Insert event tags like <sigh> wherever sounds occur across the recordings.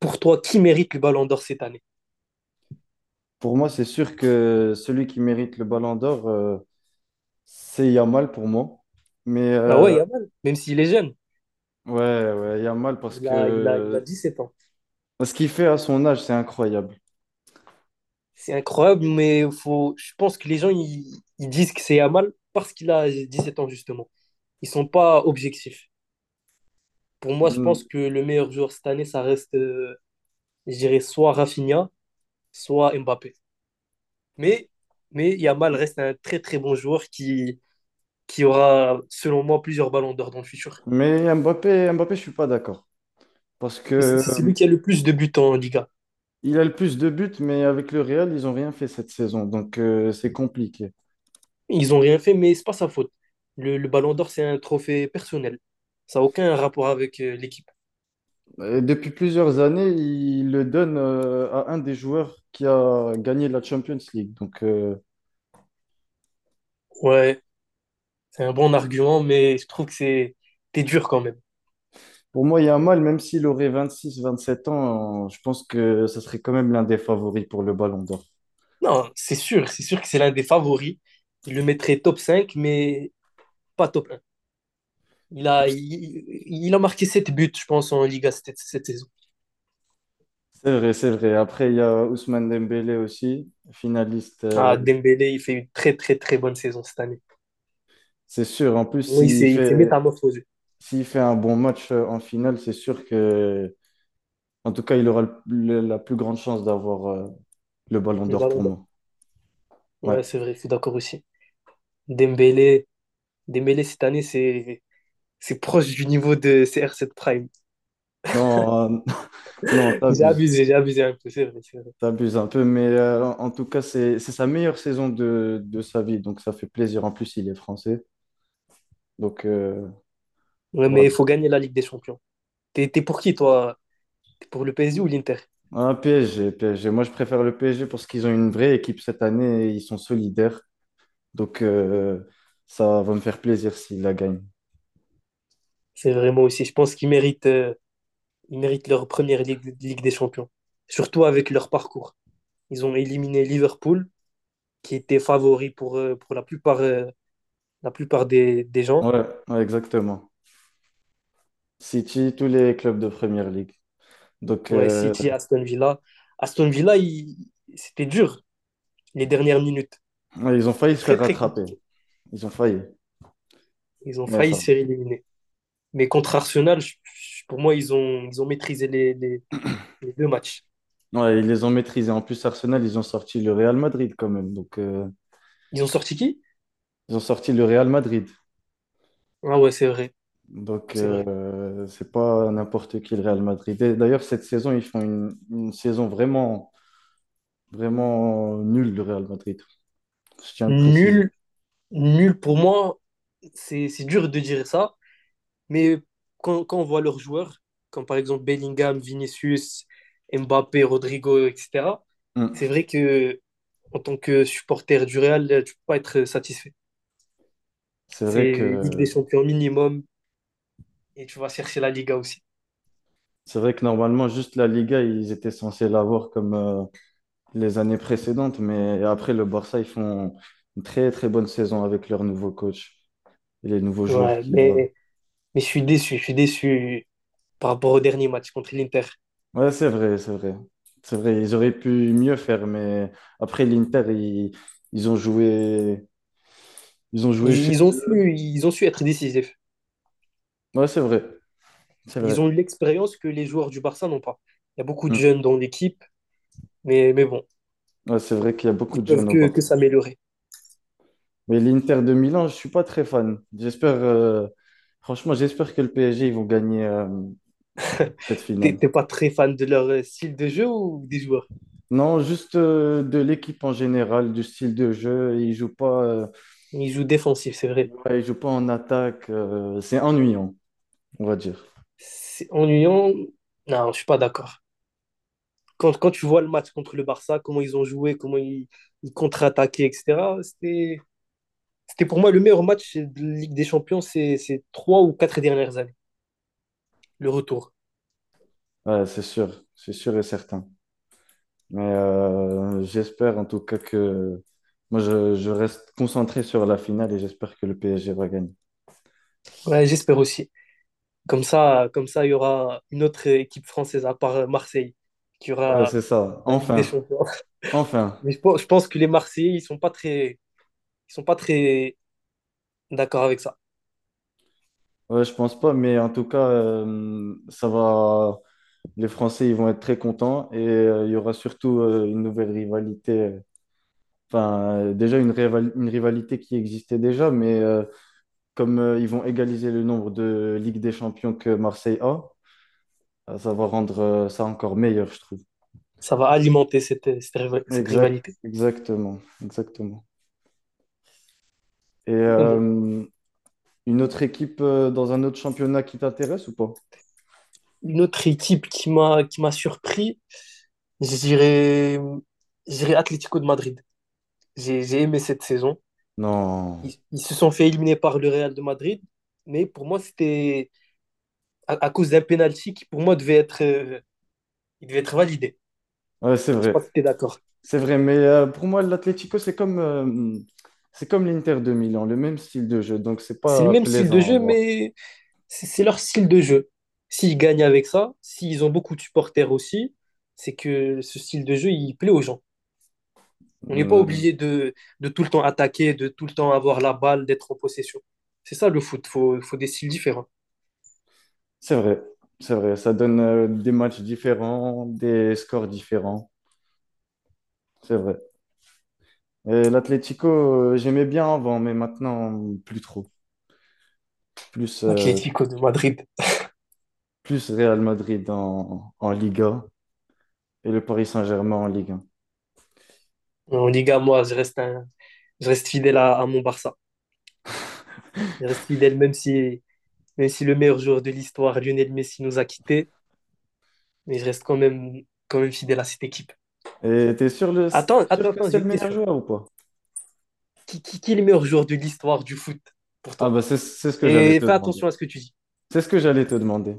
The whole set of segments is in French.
Pour toi, qui mérite le ballon d'or cette année? Pour moi, c'est sûr que celui qui mérite le Ballon d'Or, c'est Yamal pour moi. Mais Ah ouais, Yamal, même s'il est jeune. ouais, ouais, Yamal parce Il a que 17 ans. ce qu'il fait à son âge, c'est incroyable. C'est incroyable, mais faut, je pense que les gens ils disent que c'est Yamal parce qu'il a 17 ans, justement. Ils sont pas objectifs. Pour moi, je pense Mm. que le meilleur joueur cette année, ça reste, je dirais, soit Rafinha, soit Mbappé. Mais, mais Yamal reste un très très bon joueur qui aura, selon moi, plusieurs ballons d'or dans le futur. Mais Mbappé, Mbappé, je suis pas d'accord parce que Mais c'est euh, celui qui a le plus de buts en Liga. il a le plus de buts, mais avec le Real, ils ont rien fait cette saison, donc c'est compliqué. Ils ont rien fait, mais c'est pas sa faute. Le Ballon d'Or, c'est un trophée personnel. Ça n'a aucun rapport avec l'équipe. Et depuis plusieurs années, il le donne à un des joueurs qui a gagné la Champions League, donc. Ouais, c'est un bon argument, mais je trouve que c'est t'es dur quand même. Pour moi, Yamal, même s'il aurait 26, 27 ans, je pense que ce serait quand même l'un des favoris pour le Ballon d'Or. Non, c'est sûr que c'est l'un des favoris. Il le mettrait top 5 mais pas top un. Il a marqué 7 buts, je pense, en Liga cette saison. C'est vrai, c'est vrai. Après, il y a Ousmane Dembélé aussi, finaliste, Ah, Dembélé, il fait une très, très, très bonne saison cette année. c'est sûr. En plus, Moi, il s'est il s'est métamorphosé. s'il fait un bon match en finale, c'est sûr que, en tout cas, il aura la plus grande chance d'avoir le Ballon Le d'Or Ballon pour d'Or. moi. Ouais, Ouais. c'est vrai, je suis d'accord aussi. Dembélé, Dembélé cette année, c'est proche du niveau de CR7 Prime. Non, <laughs> non, <laughs> t'abuses. J'ai abusé un peu, c'est vrai, c'est vrai. T'abuses un peu, mais en tout cas, c'est sa meilleure saison de sa vie, donc ça fait plaisir. En plus, il est français, donc. Ouais, mais Voilà. il faut gagner la Ligue des Champions. T'es pour qui, toi? T'es pour le PSG ou l'Inter? Un PSG, PSG. Moi, je préfère le PSG parce qu'ils ont une vraie équipe cette année et ils sont solidaires. Donc, ça va me faire plaisir s'ils la gagnent. C'est vraiment aussi, je pense qu'ils méritent leur première Ligue des Champions. Surtout avec leur parcours. Ils ont éliminé Liverpool, qui était favori pour la plupart des gens. Ouais, ouais, exactement. City, tous les clubs de Première League. Donc, Ouais, City, Aston Villa. Aston Villa, il- C'était dur, les dernières minutes. ouais, ils ont failli C'était se très, faire très rattraper. compliqué. Ils ont failli. Ils ont Mais failli ça va. se faire éliminer. Mais contre Arsenal, pour moi, ils ont maîtrisé les deux matchs. Ouais, ils les ont maîtrisés. En plus, Arsenal, ils ont sorti le Real Madrid quand même. Donc, Ils ont sorti qui? ils ont sorti le Real Madrid. Ah ouais, c'est vrai, Donc, c'est vrai. C'est pas n'importe qui le Real Madrid. Et d'ailleurs, cette saison, ils font une saison vraiment vraiment nul le Real Madrid. Je tiens à le préciser. Nul, nul pour moi, c'est dur de dire ça, mais quand on voit leurs joueurs, comme par exemple Bellingham, Vinicius, Mbappé, Rodrigo, etc., Mm. c'est vrai que en tant que supporter du Real, tu peux pas être satisfait. C'est vrai C'est Ligue des que Champions minimum et tu vas chercher la Liga aussi. c'est vrai que normalement juste la Liga ils étaient censés l'avoir comme les années précédentes, mais après le Barça ils font une très très bonne saison avec leur nouveau coach et les nouveaux joueurs Ouais, qu'il y a. mais je suis déçu, je suis déçu par rapport au dernier match contre l'Inter. Ouais, c'est vrai, c'est vrai. C'est vrai, ils auraient pu mieux faire, mais après l'Inter, ils ont joué, ils ont joué Ils, chez ils ont eux. su, ils ont su être décisifs. Ouais, c'est vrai, c'est Ils vrai. ont eu l'expérience que les joueurs du Barça n'ont pas. Il y a beaucoup de Mm. jeunes dans l'équipe, mais bon, Ouais, c'est vrai qu'il y a beaucoup ils de peuvent jeunes au que, Barça. que s'améliorer. Mais l'Inter de Milan, je suis pas très fan. Franchement, j'espère que le PSG, ils vont gagner cette T'es finale. t'es pas très fan de leur style de jeu ou des joueurs? Non, juste de l'équipe en général, du style de jeu. Ils jouent pas, Ils jouent défensif, c'est vrai. ouais, ils jouent pas en attaque. C'est ennuyant, on va dire. C'est ennuyant. Non, je suis pas d'accord. Quand tu vois le match contre le Barça, comment ils ont joué, comment ils contre-attaquaient, etc., c'était pour moi le meilleur match de Ligue des Champions ces 3 ou 4 dernières années, le retour. Ouais, c'est sûr et certain. Mais j'espère en tout cas que moi, je reste concentré sur la finale et j'espère que le PSG va gagner. Ouais, j'espère aussi. Comme ça, il y aura une autre équipe française à part Marseille qui Ouais, aura c'est ça. la Ligue des Enfin, Champions. enfin. <laughs> Mais je pense que les Marseillais, ils sont pas très d'accord avec ça. Ouais, je pense pas, mais en tout cas, ça va. Les Français, ils vont être très contents et il y aura surtout une nouvelle rivalité. Enfin, déjà une rivalité qui existait déjà, mais comme ils vont égaliser le nombre de Ligue des Champions que Marseille a, ça va rendre ça encore meilleur, je trouve. Ça va alimenter cette Exact, rivalité. exactement, exactement. Et Et bon, une autre équipe dans un autre championnat qui t'intéresse ou pas? une autre équipe qui m'a surpris, je dirais, je dirais Atlético de Madrid. J'ai aimé cette saison. Non. Ils se sont fait éliminer par le Real de Madrid, mais pour moi, c'était à cause d'un penalty qui, pour moi, il devait être validé. Ouais, c'est Je sais pas vrai. si t'es d'accord. C'est vrai, mais pour moi, l'Atlético, c'est comme l'Inter de Milan, le même style de jeu, donc c'est C'est le pas même style de plaisant à jeu, voir. mais c'est leur style de jeu. S'ils gagnent avec ça, s'ils ont beaucoup de supporters aussi, c'est que ce style de jeu, il plaît aux gens. On n'est pas Hmm, obligé de tout le temps attaquer, de tout le temps avoir la balle, d'être en possession. C'est ça le foot, faut des styles différents. c'est vrai, c'est vrai, ça donne des matchs différents, des scores différents, c'est vrai. Et l'Atlético, j'aimais bien avant, mais maintenant, plus trop. Je suis Atlético de Madrid. plus Real Madrid en Liga et le Paris Saint-Germain en Ligue 1. En Liga, moi, je reste fidèle à mon Barça. Je reste fidèle, même si le meilleur joueur de l'histoire, Lionel Messi, nous a quittés, mais je reste quand même fidèle à cette équipe. Et t'es Attends, sûr attends, que attends, c'est j'ai le une meilleur question. joueur ou pas? Qui est le meilleur joueur de l'histoire du foot pour Ah toi? bah c'est ce que j'allais Et te fais demander. attention à ce que tu dis. C'est ce que j'allais te demander.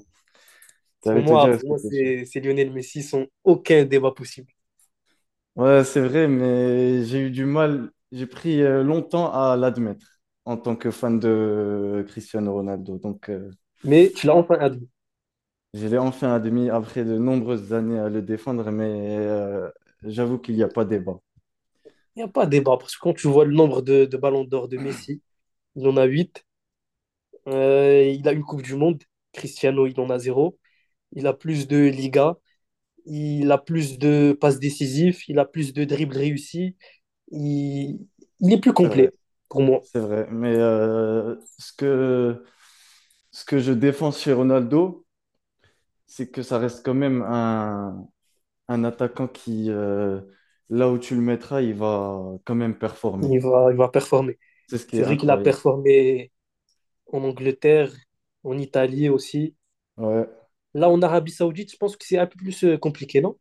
Pour J'allais te dire, moi, est-ce pour que moi t'es sûr? c'est Lionel Messi sans aucun débat possible. Ouais, c'est vrai, mais j'ai eu du mal, j'ai pris longtemps à l'admettre en tant que fan de Cristiano Ronaldo. Donc, Mais tu l'as enfin admis. je l'ai enfin admis après de nombreuses années à le défendre, mais j'avoue qu'il n'y a pas débat. Il n'y a pas de débat parce que quand tu vois le nombre de ballons d'or de Messi, il en a 8. Il a une Coupe du Monde. Cristiano, il en a zéro. Il a plus de Liga. Il a plus de passes décisives. Il a plus de dribbles réussis. Il, il est plus C'est vrai, complet pour moi. c'est vrai. Mais ce que je défends chez Ronaldo, c'est que ça reste quand même un attaquant qui, là où tu le mettras, il va quand même performer. Il va performer. C'est ce qui C'est est vrai qu'il a incroyable. performé en Angleterre, en Italie aussi. Ouais. Là, en Arabie Saoudite, je pense que c'est un peu plus compliqué, non?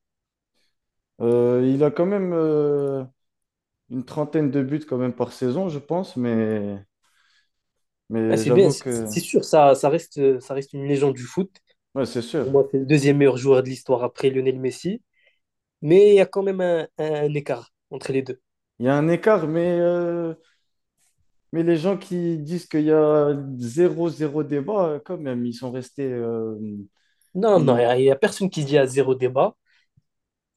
Il a quand même une trentaine de buts quand même par saison, je pense, mais, Ah, mais c'est bien, j'avoue c'est que c'est sûr, ça reste une légende du foot. ouais, c'est sûr. Pour moi, c'est le deuxième meilleur joueur de l'histoire après Lionel Messi. Mais il y a quand même un écart entre les deux. Il y a un écart, mais les gens qui disent qu'il y a zéro, zéro débat, quand même, Non, non, une- il y a personne qui dit à zéro débat.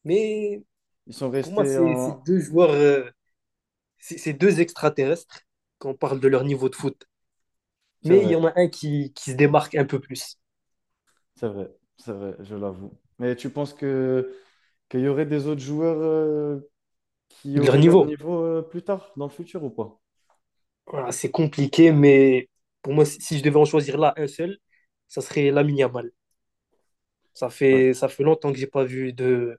Mais ils sont pour moi, restés c'est en... deux joueurs, c'est deux extraterrestres quand on parle de leur niveau de foot. C'est Mais il y vrai, en a un qui se démarque un peu plus c'est vrai, c'est vrai, je l'avoue. Mais tu penses que qu'il y aurait des autres joueurs qui de leur auraient leur niveau. niveau plus tard, dans le futur ou pas? Voilà, c'est compliqué, mais pour moi, si je devais en choisir là un seul, ça serait Lamine Yamal. Ça Ouais. fait, ça fait longtemps que j'ai pas vu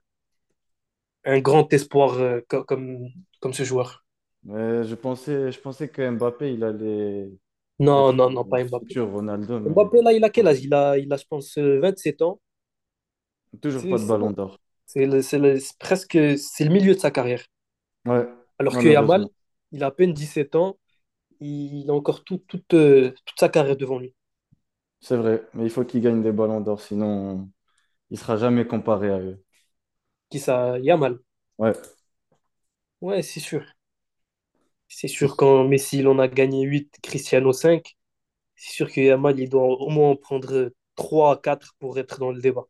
un grand espoir comme ce joueur. Mais je pensais que Mbappé, il allait, Non, être non, non, le pas Mbappé. futur Ronaldo, Mbappé, là, il a quel âge? comme- Il a, je pense, 7 ans. toujours pas C'est, de c'est ballon bon. d'or. C'est le milieu de sa carrière. Ouais, Alors que malheureusement. Yamal, il a à peine 7 ans. Il a encore toute sa carrière devant lui. C'est vrai, mais il faut qu'il gagne des ballons d'or, sinon il sera jamais comparé à eux. Qui ça? Yamal. Ouais, Ouais, c'est sûr. C'est sûr, c'est quand Messi, il en a gagné huit, Cristiano cinq, c'est sûr que Yamal, il doit au moins en prendre trois à 4 pour être dans le débat.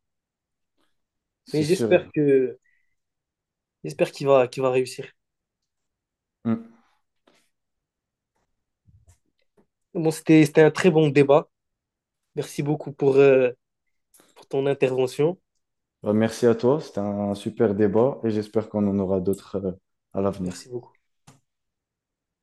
Mais c'est sûr. J'espère qu'il va réussir. Mm. Bon, c'était un très bon débat. Merci beaucoup pour ton intervention. Bah, merci à toi, c'était un super débat et j'espère qu'on en aura d'autres à l'avenir. Merci beaucoup.